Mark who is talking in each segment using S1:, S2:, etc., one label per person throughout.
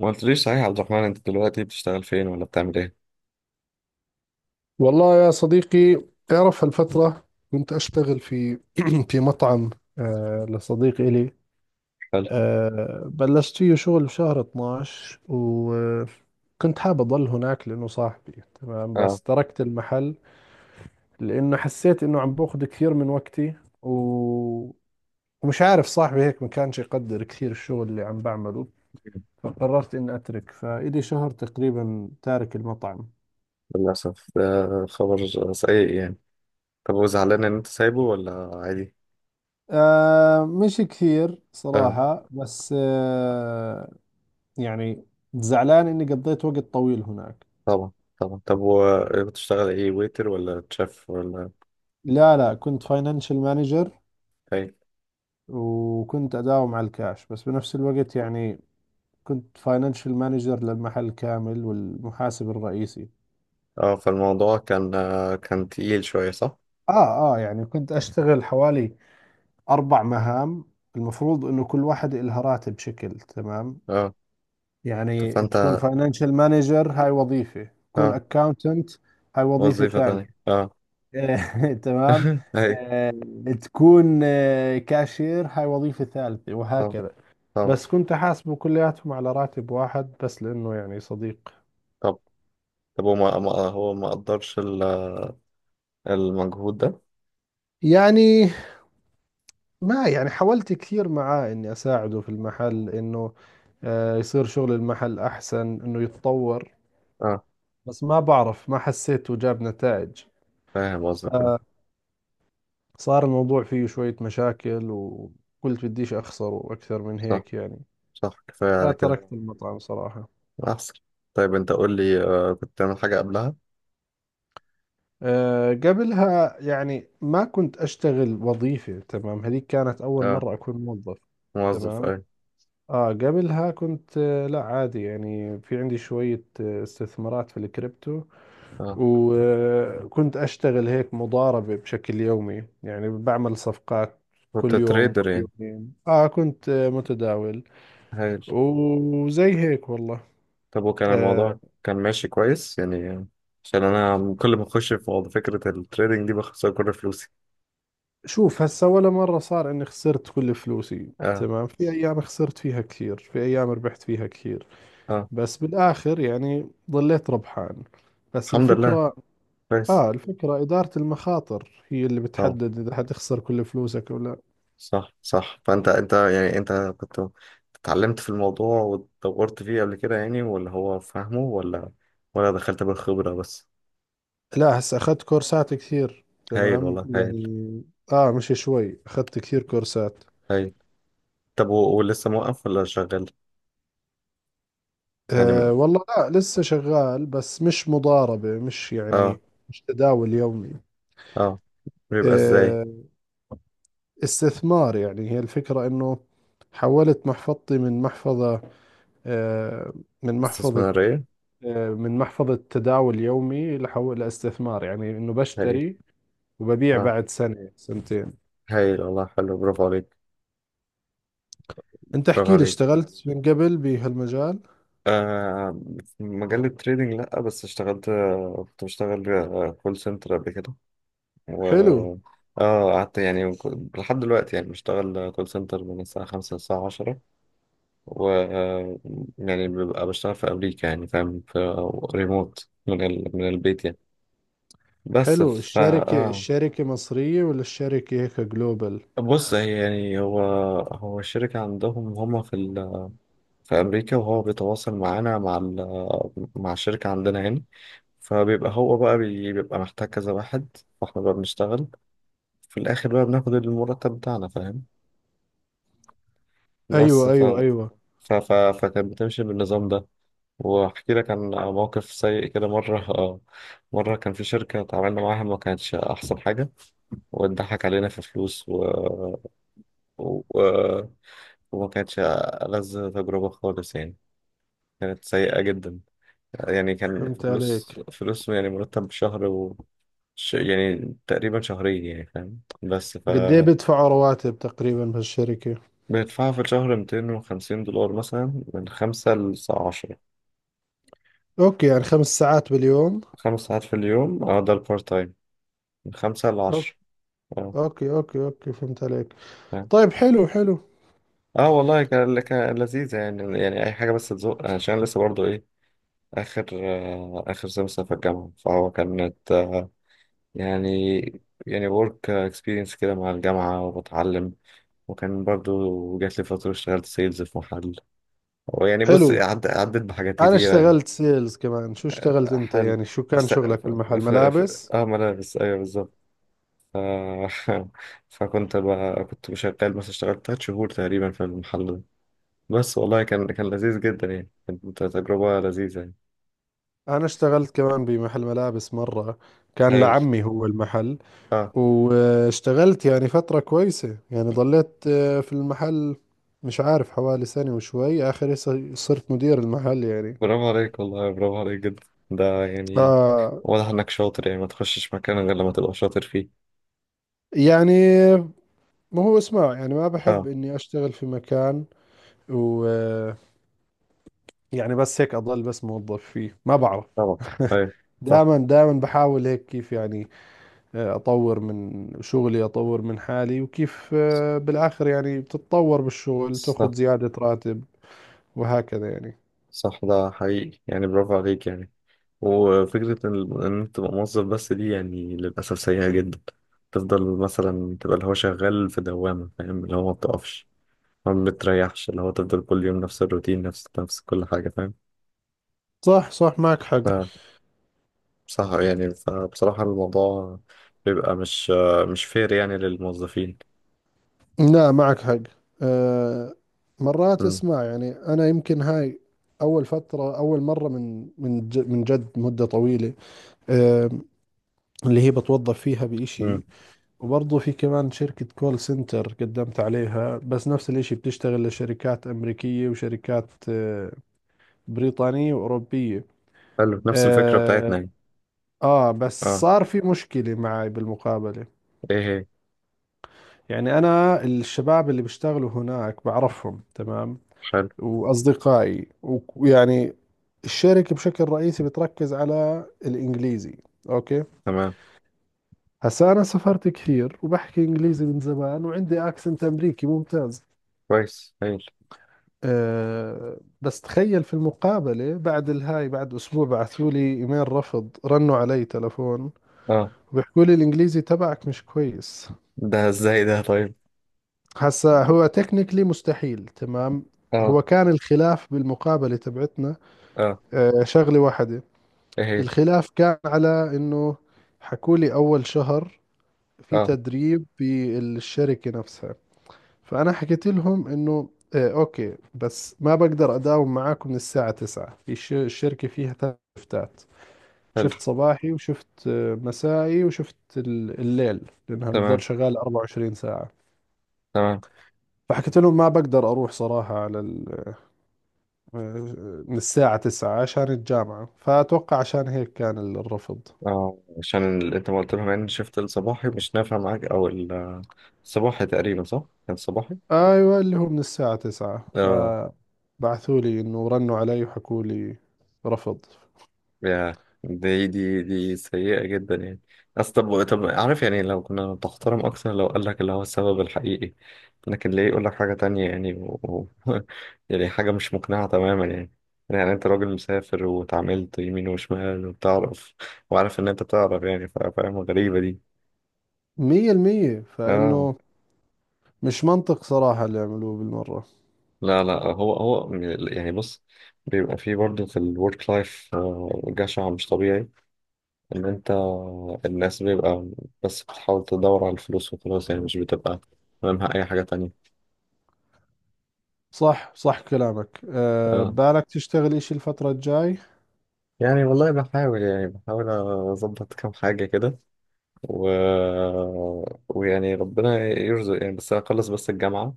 S1: ما قلتليش صحيح يا عبد الرحمن، انت دلوقتي بتشتغل فين ولا بتعمل ايه؟
S2: والله يا صديقي، تعرف هالفترة كنت أشتغل في في مطعم، لصديق إلي.
S1: حلو.
S2: بلشت فيه شغل في شهر 12، وكنت حاب أضل هناك لأنه صاحبي تمام،
S1: اه.
S2: بس تركت المحل لأنه حسيت إنه عم باخذ كثير من وقتي و... ومش عارف، صاحبي هيك ما كانش يقدر كثير الشغل اللي عم بعمله، فقررت إني أترك. فإلي شهر تقريبا تارك المطعم.
S1: للأسف، ده خبر سيء يعني. طب، وزعلان ان انت سايبه ولا عادي؟
S2: آه، مش كثير
S1: اه.
S2: صراحة، بس يعني زعلان إني قضيت وقت طويل هناك.
S1: طبعا، طبعا. طب، وبتشتغل ايه، ويتر ولا تشيف ولا
S2: لا، لا، كنت فاينانشال مانجر.
S1: ايه؟
S2: وكنت أداوم على الكاش، بس بنفس الوقت يعني كنت فاينانشال مانجر للمحل كامل، والمحاسب الرئيسي.
S1: اه، فالموضوع كان، كان تقيل شوية صح؟
S2: آه، آه، يعني كنت أشتغل حوالي أربع مهام، المفروض إنه كل واحد إلها راتب شكل، تمام.
S1: اه. طب
S2: يعني تكون
S1: فانت.
S2: فاينانشال مانجر، هاي وظيفة، تكون
S1: اه.
S2: أكاونتنت، هاي وظيفة
S1: وظيفة تانية،
S2: ثانية.
S1: اه.
S2: تمام.
S1: ايوه.
S2: آه، تكون كاشير، هاي وظيفة ثالثة،
S1: طبعا،
S2: وهكذا.
S1: طبعا.
S2: بس كنت أحاسبه كلياتهم على راتب واحد، بس لأنه يعني صديق.
S1: طب. طب هو هو ما قدرش المجهود ده؟
S2: يعني ما يعني حاولت كثير معاه إني أساعده في المحل، إنه يصير شغل المحل أحسن، إنه يتطور.
S1: اه،
S2: بس ما بعرف، ما حسيته جاب نتائج.
S1: فاهم قصدك، اه.
S2: فصار الموضوع فيه شوية مشاكل، وقلت بديش أخسره أكثر من
S1: صح،
S2: هيك يعني.
S1: صح، كفاية على كده.
S2: فتركت المطعم صراحة.
S1: أحسن. طيب، أنت قول لي، كنت تعمل حاجة قبلها؟
S2: آه، قبلها يعني ما كنت أشتغل وظيفة، تمام. هذيك كانت أول
S1: أه.
S2: مرة أكون موظف،
S1: موظف
S2: تمام.
S1: أي.
S2: قبلها كنت لا عادي يعني، في عندي شوية استثمارات في الكريبتو.
S1: أه.
S2: وكنت أشتغل هيك مضاربة بشكل يومي، يعني بعمل صفقات
S1: كنت
S2: كل يوم،
S1: تريدر
S2: كل
S1: يعني؟
S2: يومين. كنت متداول،
S1: هايل.
S2: وزي هيك والله.
S1: طب، وكان
S2: آه،
S1: الموضوع كان ماشي كويس يعني؟ عشان أنا كل ما أخش في موضوع فكرة التريدنج دي بخسر كل فلوسي.
S2: شوف، هسا ولا مرة صار اني خسرت كل فلوسي،
S1: أه،
S2: تمام. في ايام خسرت فيها كثير، في ايام ربحت فيها كثير،
S1: أه.
S2: بس بالاخر يعني ضليت ربحان. بس
S1: الحمد لله،
S2: الفكرة،
S1: كويس.
S2: اه الفكرة ادارة المخاطر، هي اللي
S1: طبعا.
S2: بتحدد اذا حتخسر كل فلوسك ولا
S1: صح، صح، فأنت يعني أنت كنت اتعلمت في الموضوع واتطورت فيه قبل كده يعني، ولا هو فاهمه، ولا دخلت بالخبرة بس؟
S2: لا. هسا اخذت كورسات كثير،
S1: هايل
S2: تمام
S1: والله، هايل.
S2: يعني. اه مش شوي، اخذت كثير كورسات.
S1: هايل. طب، ولسه موقف ولا شغال؟ يعني،
S2: آه، والله لا، لسه شغال، بس مش مضاربة، مش
S1: اه،
S2: يعني، مش تداول يومي.
S1: اه. بيبقى ازاي؟
S2: آه، استثمار. يعني هي الفكرة انه حولت محفظتي آه، من محفظة
S1: استثمارية.
S2: من محفظة تداول يومي لحول لاستثمار. يعني انه
S1: هايل.
S2: بشتري وببيع
S1: اه،
S2: بعد سنة، سنتين.
S1: هايل والله، حلو، برافو عليك.
S2: انت
S1: برافو
S2: احكي لي،
S1: عليك.
S2: اشتغلت من قبل بهالمجال؟
S1: آه. في مجال التريدينج لأ، بس اشتغلت، كنت بشتغل كول سنتر قبل كده، و
S2: حلو،
S1: اه قعدت يعني لحد دلوقتي، يعني بشتغل كول سنتر من الساعة خمسة للساعة عشرة، و يعني ببقى بشتغل في أمريكا يعني، فاهم، في ريموت من البيت يعني. بس،
S2: حلو.
S1: ف
S2: الشركة
S1: اه
S2: الشركة مصرية ولا الشركة هيك جلوبال؟
S1: بص، هي يعني، هو الشركة عندهم، هما في أمريكا، وهو بيتواصل معانا مع مع الشركة عندنا يعني. فبيبقى هو بقى، بيبقى محتاج كذا واحد، فاحنا بقى بنشتغل، في الآخر بقى بناخد المرتب بتاعنا، فاهم؟ بس،
S2: ايوه، ايوه، ايوه،
S1: فكانت بتمشي بالنظام ده. وأحكي لك عن موقف سيء كده مرة. مرة كان في شركة اتعاملنا معاها، ما كانتش أحسن حاجة، واتضحك علينا في فلوس، و... وما كانتش ألذ تجربة خالص يعني. كانت سيئة جدا. يعني كان في
S2: فهمت
S1: فلوس،
S2: عليك.
S1: فلوس، يعني مرتب شهر، يعني تقريبا شهرين يعني، فاهم؟ بس،
S2: قد ايه بيدفعوا رواتب تقريبا بهالشركة؟
S1: بندفعها في الشهر $250 مثلا، من خمسة للساعة عشرة.
S2: اوكي، يعني خمس ساعات باليوم.
S1: 5 ساعات في اليوم، اه، ده البارت تايم، من خمسة لعشرة. اه،
S2: اوكي، اوكي، اوكي، فهمت عليك.
S1: فاهم.
S2: طيب، حلو، حلو،
S1: اه والله، كان لذيذة يعني، يعني أي حاجة بس تزق، عشان لسه برضه إيه، آخر سمستر في الجامعة، فهو كانت، يعني يعني work experience كده مع الجامعة وبتعلم. وكان برضو جات لي فترة اشتغلت سيلز في محل، ويعني بص،
S2: حلو.
S1: عدت بحاجات
S2: انا
S1: كتيرة يعني.
S2: اشتغلت سيلز كمان، شو اشتغلت
S1: آه،
S2: انت
S1: حل
S2: يعني، شو كان
S1: است...
S2: شغلك
S1: ف...
S2: بالمحل،
S1: ف... ف...
S2: ملابس؟
S1: اه، ملابس، ايوه بالظبط. ف... فكنت بقى، كنت شغال مثلا، اشتغلت 3 شهور تقريبا في المحل ده. بس والله كان لذيذ جدا يعني، كانت تجربة لذيذة يعني.
S2: انا اشتغلت كمان بمحل ملابس مرة، كان
S1: هايل.
S2: لعمي هو المحل. واشتغلت يعني فترة كويسة، يعني ضليت في المحل مش عارف حوالي سنة وشوي. اخر إشي صرت مدير المحل يعني.
S1: برافو عليك والله، برافو عليك جدا. ده يعني
S2: آه.
S1: واضح انك شاطر، يعني ما تخشش مكان غير لما تبقى شاطر فيه.
S2: يعني ما هو اسمع، يعني ما بحب
S1: اه،
S2: اني اشتغل في مكان و يعني بس هيك أضل بس موظف فيه، ما بعرف.
S1: طبعا. ايوه. صح،
S2: دائما دائما بحاول هيك، كيف يعني، أطور من شغلي، أطور من حالي، وكيف بالآخر يعني بتتطور بالشغل، تأخذ
S1: صح،
S2: زيادة راتب وهكذا يعني.
S1: صح، ده حقيقي يعني، برافو عليك يعني. وفكرة ان انت تبقى موظف بس دي، يعني للأسف سيئة جدا. تفضل مثلا تبقى اللي هو شغال في دوامة، فاهم، اللي هو ما بتقفش، ما بتريحش، اللي هو تفضل كل يوم نفس الروتين، نفس كل حاجة، فاهم.
S2: صح، صح، معك حق.
S1: صح يعني، فبصراحة الموضوع بيبقى، مش فير يعني للموظفين.
S2: لا، معك حق. أه، مرات
S1: امم.
S2: اسمع يعني، أنا يمكن هاي أول فترة، أول مرة من جد مدة طويلة. أه، اللي هي بتوظف فيها بإشي.
S1: امم.
S2: وبرضه في كمان شركة كول سنتر قدمت عليها، بس نفس الاشي، بتشتغل لشركات أمريكية، وشركات بريطانية وأوروبية.
S1: حلو، نفس الفكرة بتاعتنا
S2: آه،
S1: يعني.
S2: آه، بس
S1: اه.
S2: صار في مشكلة معي بالمقابلة.
S1: ايه هي؟
S2: يعني أنا الشباب اللي بيشتغلوا هناك بعرفهم، تمام،
S1: حلو.
S2: وأصدقائي، و- ويعني الشركة بشكل رئيسي بتركز على الإنجليزي، أوكي؟
S1: تمام.
S2: هسا أنا سافرت كثير، وبحكي إنجليزي من زمان، وعندي أكسنت أمريكي ممتاز.
S1: كويس، هايل.
S2: أه، بس تخيل في المقابلة بعد الهاي، بعد أسبوع، بعثوا لي إيميل رفض، رنوا علي تلفون
S1: اه،
S2: وبيحكوا لي الإنجليزي تبعك مش كويس.
S1: ده ازاي ده؟ طيب.
S2: هسا هو تكنيكلي مستحيل، تمام. هو
S1: اه.
S2: كان الخلاف بالمقابلة تبعتنا
S1: اه،
S2: شغلة واحدة.
S1: ايه هي؟
S2: الخلاف كان على إنه حكوا لي أول شهر في
S1: اه.
S2: تدريب بالشركة نفسها. فأنا حكيت لهم إنه إيه أوكي، بس ما بقدر أداوم معاكم من الساعة 9. في الشركة فيها ثلاث شفتات،
S1: حلو.
S2: شفت صباحي، وشفت مسائي، وشفت الليل، لأنها بتضل
S1: تمام،
S2: شغالة 24 ساعة.
S1: تمام.
S2: فحكيت لهم ما بقدر أروح صراحة على ال... آه، من الساعة 9 عشان الجامعة. فأتوقع عشان هيك كان الرفض.
S1: اه، عشان انت ما قلت لهم ان شفت الصباحي مش نافع معاك، او الصباحي تقريبا، صح؟ كان صباحي؟
S2: أيوة، اللي هو من الساعة 9،
S1: اه.
S2: فبعثوا لي إنه، رنوا علي وحكوا لي رفض.
S1: يا دي دي دي، سيئة جدا يعني. أصل، طب، عارف يعني، لو كنا بتحترم أكتر، لو قال لك اللي هو السبب الحقيقي، لكن ليه يقول لك حاجة تانية يعني، و... يعني حاجة مش مقنعة تماما يعني. يعني أنت راجل مسافر، واتعاملت يمين وشمال وبتعرف، وعارف إن أنت بتعرف يعني، فاهم، غريبة دي.
S2: مية المية،
S1: آه.
S2: فإنه مش منطق صراحة اللي عملوه بالمرة.
S1: لا، لا، هو يعني، بص، بيبقى فيه برضه في الورك لايف جشع مش طبيعي، ان انت، الناس بيبقى، بس بتحاول تدور على الفلوس وخلاص، يعني مش بتبقى همها اي حاجة تانية.
S2: صح، صح، كلامك.
S1: اه،
S2: بالك تشتغل إشي الفترة الجاي؟
S1: يعني والله بحاول، يعني بحاول اظبط كام حاجة كده، و... ويعني ربنا يرزق يعني، بس اخلص بس الجامعة،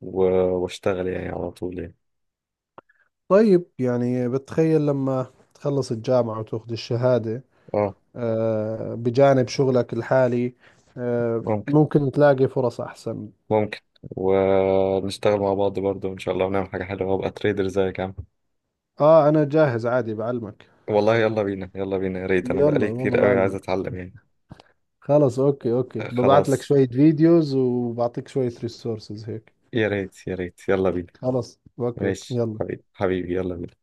S1: و... واشتغل يعني على طول يعني.
S2: طيب، يعني بتخيل لما تخلص الجامعة وتاخذ الشهادة،
S1: اه.
S2: بجانب شغلك الحالي
S1: ممكن،
S2: ممكن تلاقي فرص أحسن.
S1: ممكن. ونشتغل مع بعض برضو ان شاء الله، ونعمل حاجة حلوة، وابقى تريدر زيك يا عم.
S2: آه، أنا جاهز عادي، بعلمك.
S1: والله، يلا بينا، يلا بينا، يا ريت، انا
S2: يلا
S1: بقالي
S2: والله،
S1: كتير قوي عايز
S2: بعلمك.
S1: اتعلم يعني.
S2: خلص، أوكي، أوكي، ببعت لك
S1: خلاص،
S2: شوية فيديوز، وبعطيك شوية ريسورسز هيك.
S1: يا ريت، يا ريت، يلا بينا.
S2: خلص، أوكي،
S1: ماشي
S2: يلا.
S1: حبيبي، حبيبي، يلا بينا.